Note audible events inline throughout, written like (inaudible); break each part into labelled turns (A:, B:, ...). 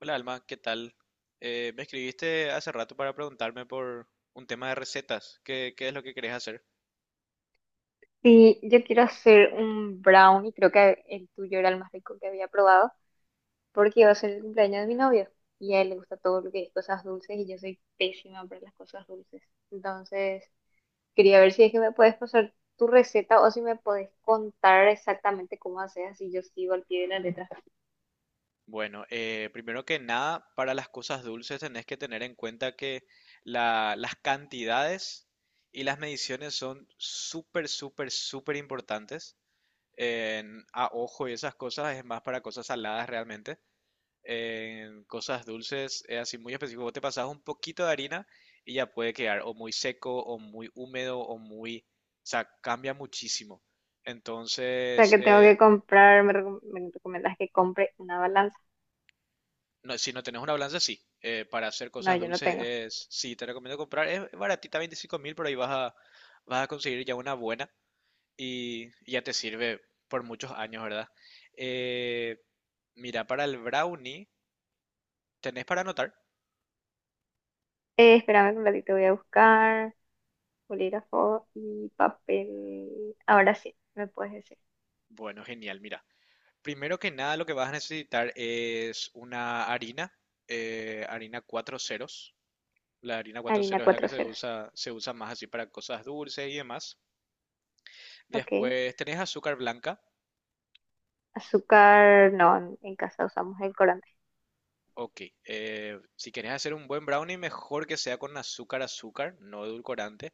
A: Hola Alma, ¿qué tal? Me escribiste hace rato para preguntarme por un tema de recetas. ¿¿Qué es lo que querés hacer?
B: Sí, yo quiero hacer un brownie, creo que el tuyo era el más rico que había probado, porque iba a ser el cumpleaños de mi novio y a él le gusta todo lo que es cosas dulces y yo soy pésima para las cosas dulces. Entonces, quería ver si es que me puedes pasar tu receta o si me puedes contar exactamente cómo haces, así yo sigo al pie de la letra. O
A: Bueno, primero que nada, para las cosas dulces tenés que tener en cuenta que las cantidades y las mediciones son súper, súper, súper importantes. A ojo y esas cosas es más para cosas saladas realmente. En cosas dulces es así muy específico. Vos te pasas un poquito de harina y ya puede quedar o muy seco o muy húmedo o muy... O sea, cambia muchísimo.
B: sea,
A: Entonces,
B: que tengo que comprar, me recomiendas que compre una balanza.
A: si no tenés una balanza, sí. Para hacer
B: No,
A: cosas
B: yo no
A: dulces
B: tengo.
A: es... Sí, te recomiendo comprar. Es baratita, 25.000, pero ahí vas a conseguir ya una buena y ya te sirve por muchos años, ¿verdad? Eh, mira, para el brownie, ¿tenés para anotar?
B: Espérame un ratito, voy a buscar bolígrafo y papel. Ahora sí, me puedes decir.
A: Bueno, genial, mira. Primero que nada, lo que vas a necesitar es una harina, harina 0000. La harina cuatro
B: Harina
A: ceros es la que
B: cuatro ceros.
A: se usa más así para cosas dulces y demás.
B: Ok.
A: Después tenés azúcar blanca.
B: Azúcar, no, en casa usamos edulcorante.
A: Ok, si querés hacer un buen brownie, mejor que sea con azúcar, azúcar, no edulcorante.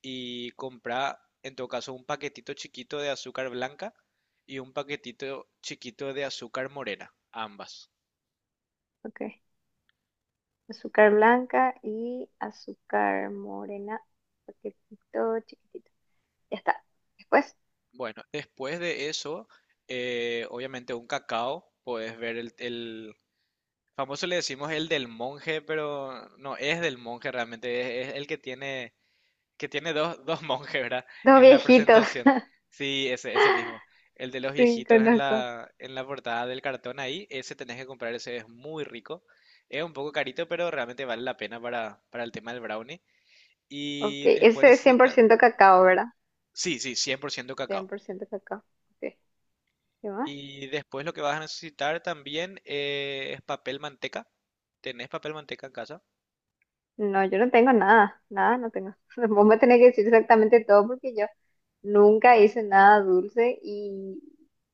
A: Y compra, en todo caso, un paquetito chiquito de azúcar blanca y un paquetito chiquito de azúcar morena, ambas.
B: Ok. Azúcar blanca y azúcar morena. Paquetito chiquitito. Ya está. Después,
A: Bueno, después de eso, obviamente un cacao, puedes ver famoso, le decimos el del monje, pero no es del monje realmente, es el que tiene dos, (laughs) dos monjes, ¿verdad?
B: dos
A: En la
B: viejitos.
A: presentación.
B: (laughs)
A: Sí, ese mismo. El de los
B: Sí,
A: viejitos en
B: conozco.
A: en la portada del cartón ahí, ese tenés que comprar, ese es muy rico. Es un poco carito, pero realmente vale la pena para el tema del brownie.
B: Ok.
A: Y después
B: ¿Ese es cien por
A: necesitas...
B: ciento cacao, verdad?
A: Sí, sí, 100%
B: cien
A: cacao.
B: por ciento cacao. Ok. ¿Qué más?
A: Y después lo que vas a necesitar también es papel manteca. ¿Tenés papel manteca en casa?
B: No, yo no tengo nada, nada, no tengo. (laughs) Vos me tenés que decir exactamente todo porque yo nunca hice nada dulce y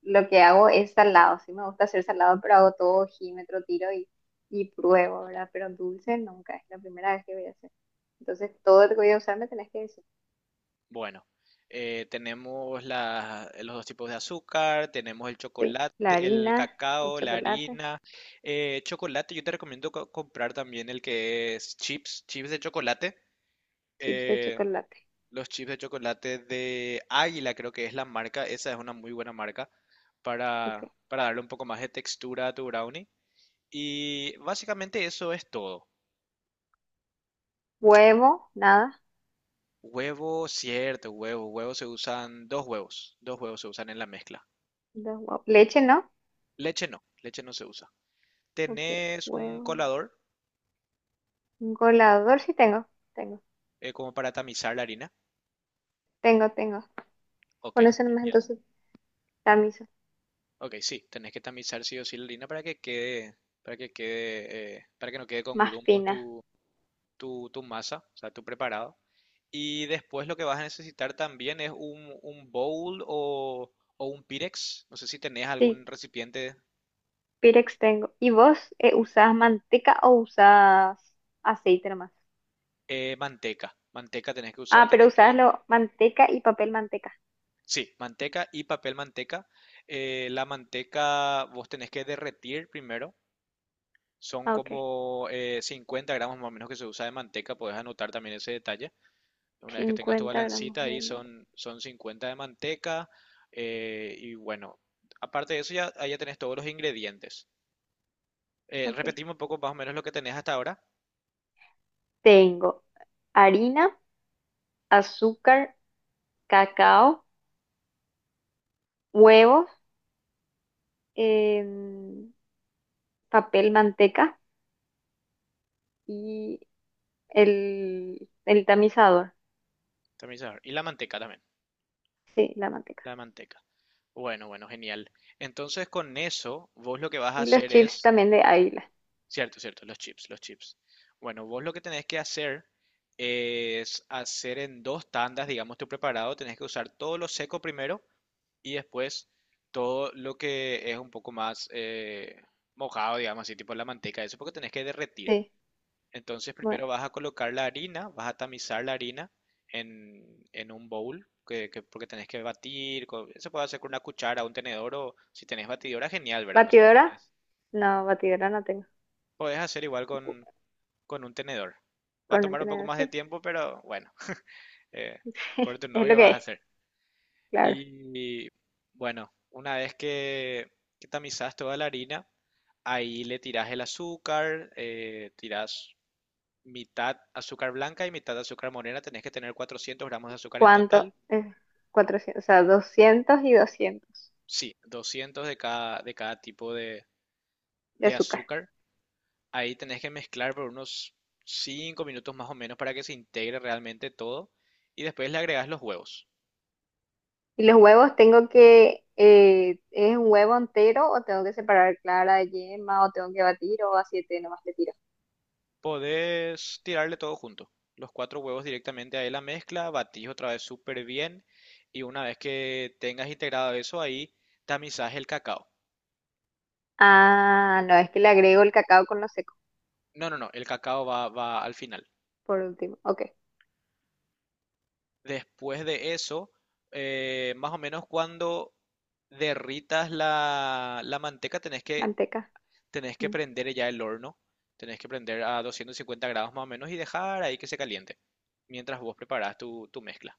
B: lo que hago es salado. Sí, me gusta hacer salado, pero hago todo ojímetro, tiro y pruebo, ¿verdad? Pero dulce nunca, es la primera vez que voy a hacer. Entonces, todo lo que voy a usar me tenés que decir.
A: Bueno, tenemos los dos tipos de azúcar, tenemos el
B: Sí, la
A: chocolate, el
B: harina, el
A: cacao, la
B: chocolate,
A: harina. Chocolate, yo te recomiendo comprar también el que es chips, chips de chocolate.
B: chips de
A: Eh,
B: chocolate.
A: los chips de chocolate de Águila creo que es la marca, esa es una muy buena marca
B: Ok.
A: para darle un poco más de textura a tu brownie. Y básicamente eso es todo.
B: Huevo, nada,
A: Huevo, cierto, huevo, huevo se usan 2 huevos, 2 huevos se usan en la mezcla.
B: dos huevos. Leche, ¿no?
A: Leche no se usa.
B: Ok,
A: ¿Tenés un
B: huevo.
A: colador
B: Un colador sí tengo, tengo,
A: como para tamizar la harina?
B: tengo.
A: Ok,
B: Con eso nomás
A: genial.
B: entonces camisas
A: Ok, sí, tenés que tamizar sí o sí la harina para que quede, para que quede, para que no quede con
B: más
A: grumos
B: finas.
A: tu masa, o sea, tu preparado. Y después lo que vas a necesitar también es un bowl o un pirex. No sé si tenés
B: Sí,
A: algún recipiente,
B: Pirex tengo. ¿Y vos usás manteca o usás aceite nomás?
A: manteca. Manteca tenés que usar,
B: Ah, pero
A: tenés que...
B: usás lo, manteca y papel manteca.
A: Sí, manteca y papel manteca. La manteca vos tenés que derretir primero. Son
B: Ah, ok.
A: como 50 gramos más o menos que se usa de manteca. Podés anotar también ese detalle. Una vez que tengas tu
B: cincuenta gramos
A: balancita ahí
B: de manteca.
A: son 50 de manteca. Eh, y bueno, aparte de eso ya, ahí ya tenés todos los ingredientes.
B: Ok.
A: Repetimos un poco más o menos lo que tenés hasta ahora.
B: Tengo harina, azúcar, cacao, huevos, em, papel manteca y el tamizador.
A: También, sabor. Y la manteca también.
B: Sí, la manteca.
A: La manteca. Bueno, bueno, genial. Entonces con eso, vos lo que vas a
B: Y los
A: hacer
B: chips
A: es
B: también de Águila.
A: cierto, cierto, los chips, los chips. Bueno, vos lo que tenés que hacer es hacer en dos tandas, digamos, tu preparado. Tenés que usar todo lo seco primero y después todo lo que es un poco más mojado, digamos, así tipo la manteca, eso porque tenés que derretir.
B: Sí.
A: Entonces
B: Bueno.
A: primero vas a colocar la harina, vas a tamizar la harina en un bowl, porque tenés que batir. Se puede hacer con una cuchara, un tenedor o si tenés batidora, genial, ¿verdad? No sé si
B: ¿Batidora?
A: tenés.
B: No, batidora no tengo.
A: Podés hacer igual
B: Cu-
A: con un tenedor. Va a
B: Con un
A: tomar un poco
B: tenedor,
A: más de
B: sí.
A: tiempo, pero bueno, eh, por
B: (laughs)
A: tu
B: Es lo
A: novio
B: que
A: vas a
B: es,
A: hacer.
B: claro.
A: Y bueno, una vez que tamizas toda la harina, ahí le tirás el azúcar, tirás mitad azúcar blanca y mitad azúcar morena. Tenés que tener 400 gramos de azúcar en
B: ¿Cuánto?
A: total.
B: 400, o sea, 200 y 200
A: Sí, 200 de cada tipo
B: de
A: de
B: azúcar.
A: azúcar. Ahí tenés que mezclar por unos 5 minutos más o menos para que se integre realmente todo. Y después le agregás los huevos.
B: ¿Y los huevos tengo que, es un huevo entero o tengo que separar clara de yema o tengo que batir o a siete nomás le tiro?
A: Podés tirarle todo junto, los 4 huevos directamente ahí a la mezcla, batís otra vez súper bien y una vez que tengas integrado eso ahí, tamizás el cacao.
B: Ah, no, es que le agrego el cacao con lo seco,
A: No, no, no, el cacao va, va al final.
B: por último. Ok,
A: Después de eso, más o menos cuando derritas la manteca
B: manteca.
A: tenés que
B: Mm,
A: prender ya el horno, tenés que prender a 250 grados más o menos y dejar ahí que se caliente mientras vos preparás tu mezcla.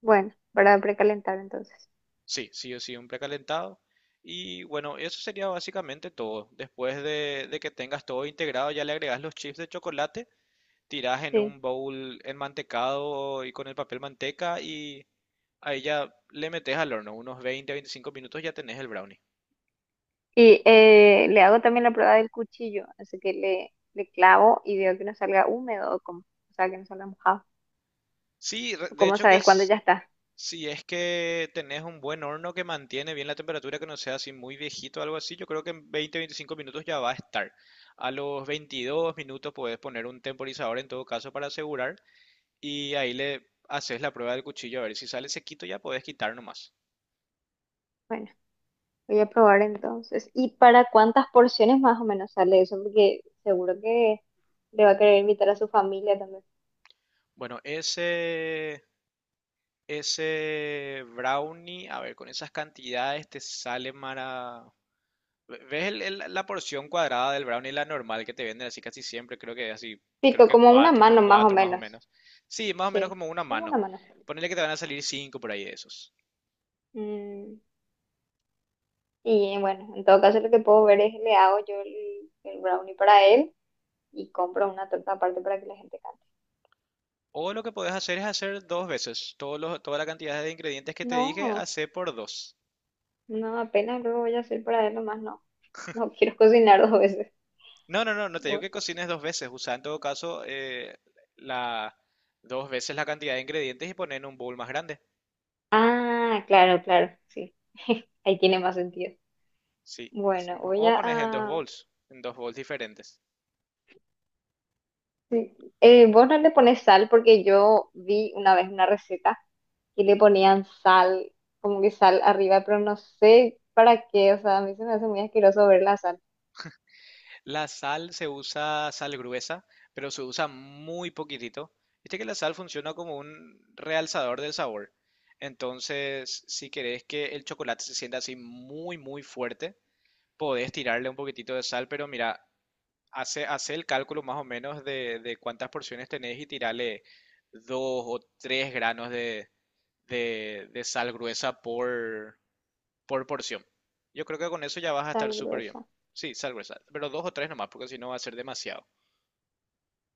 B: Bueno, para precalentar entonces.
A: Sí, sí o sí, un precalentado. Y bueno, eso sería básicamente todo. Después de que tengas todo integrado, ya le agregas los chips de chocolate, tiras en
B: Sí.
A: un bowl enmantecado y con el papel manteca y ahí ya le metes al horno. Unos 20 a 25 minutos ya tenés el brownie.
B: Y le hago también la prueba del cuchillo, así que le clavo y veo que no salga húmedo, o, como, o sea, que no salga mojado.
A: Sí, re- de
B: ¿Cómo
A: hecho que
B: sabes cuándo
A: es
B: ya está?
A: si es que tenés un buen horno que mantiene bien la temperatura, que no sea así muy viejito o algo así, yo creo que en 20 a 25 minutos ya va a estar. A los 22 minutos puedes poner un temporizador en todo caso para asegurar y ahí le haces la prueba del cuchillo a ver si sale sequito ya puedes quitar nomás.
B: Bueno, voy a probar entonces. ¿Y para cuántas porciones más o menos sale eso? Porque seguro que le va a querer invitar a su familia también.
A: Bueno, ese brownie, a ver, con esas cantidades te sale mara- ¿Ves la porción cuadrada del brownie, la normal que te venden así casi siempre? Creo que así, creo
B: Pico,
A: que
B: como una
A: 4 por
B: mano más o
A: 4 más o
B: menos.
A: menos. Sí, más o menos
B: Sí,
A: como una
B: como
A: mano.
B: una mano.
A: Ponele que te van a salir 5 por ahí de esos.
B: Mm, y bueno, en todo caso lo que puedo ver es le hago yo el brownie para él y compro una torta aparte para que la gente cante.
A: O lo que podés hacer es hacer dos veces. Todos toda la cantidad de ingredientes que te dije,
B: No.
A: hacé por dos.
B: No, apenas luego voy a hacer para él nomás, no. No quiero cocinar (laughs) dos veces.
A: No, no, no, no te digo
B: Bu-
A: que cocines dos veces. Usa en todo caso la, dos veces la cantidad de ingredientes y poner en un bowl más grande.
B: Ah, claro, claro, sí. (laughs) Ahí tiene más sentido.
A: Sí, así
B: Bueno,
A: mismo. O pones en dos bowls diferentes.
B: sí. Vos no le pones sal porque yo vi una vez una receta y le ponían sal, como que sal arriba, pero no sé para qué, o sea, a mí se me hace muy asqueroso ver la sal.
A: La sal se usa sal gruesa, pero se usa muy poquitito. Viste que la sal funciona como un realzador del sabor. Entonces, si querés que el chocolate se sienta así muy, muy fuerte, podés tirarle un poquitito de sal, pero mira, hace, hace el cálculo más o menos de cuántas porciones tenés y tirarle dos o tres granos de sal gruesa por porción. Yo creo que con eso ya vas a estar
B: Sal
A: súper bien.
B: gruesa.
A: Sí, salvo sal gruesa, pero dos o tres nomás, porque si no va a ser demasiado.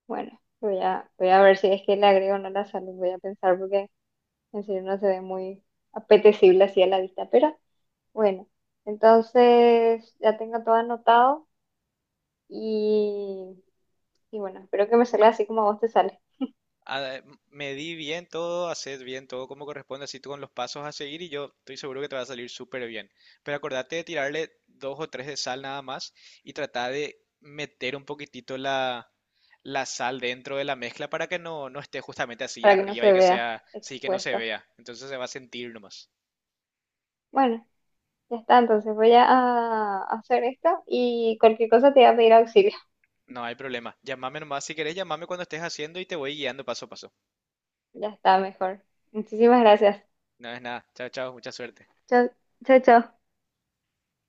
B: Bueno, voy a ver si es que le agrego o no la sal, voy a pensar porque en serio no se ve muy apetecible así a la vista, pero... Bueno, entonces ya tengo todo anotado y, y bueno, espero que me salga así como a vos te sale,
A: Ah, medí bien todo, haced bien todo como corresponde, así tú con los pasos a seguir y yo estoy seguro que te va a salir súper bien. Pero acordate de tirarle dos o tres de sal nada más y trata de meter un poquitito la sal dentro de la mezcla para que no, no esté justamente así
B: para que no
A: arriba y
B: se
A: que
B: vea
A: sea, sí que no se
B: expuesto.
A: vea. Entonces se va a sentir nomás.
B: Bueno, ya está, entonces voy a hacer esto y cualquier cosa te voy a pedir auxilio.
A: No hay problema. Llámame nomás si querés, llámame cuando estés haciendo y te voy guiando paso a paso.
B: Ya está, mejor. Muchísimas gracias.
A: No es nada. Chao, chao. Mucha suerte.
B: Chao, chao.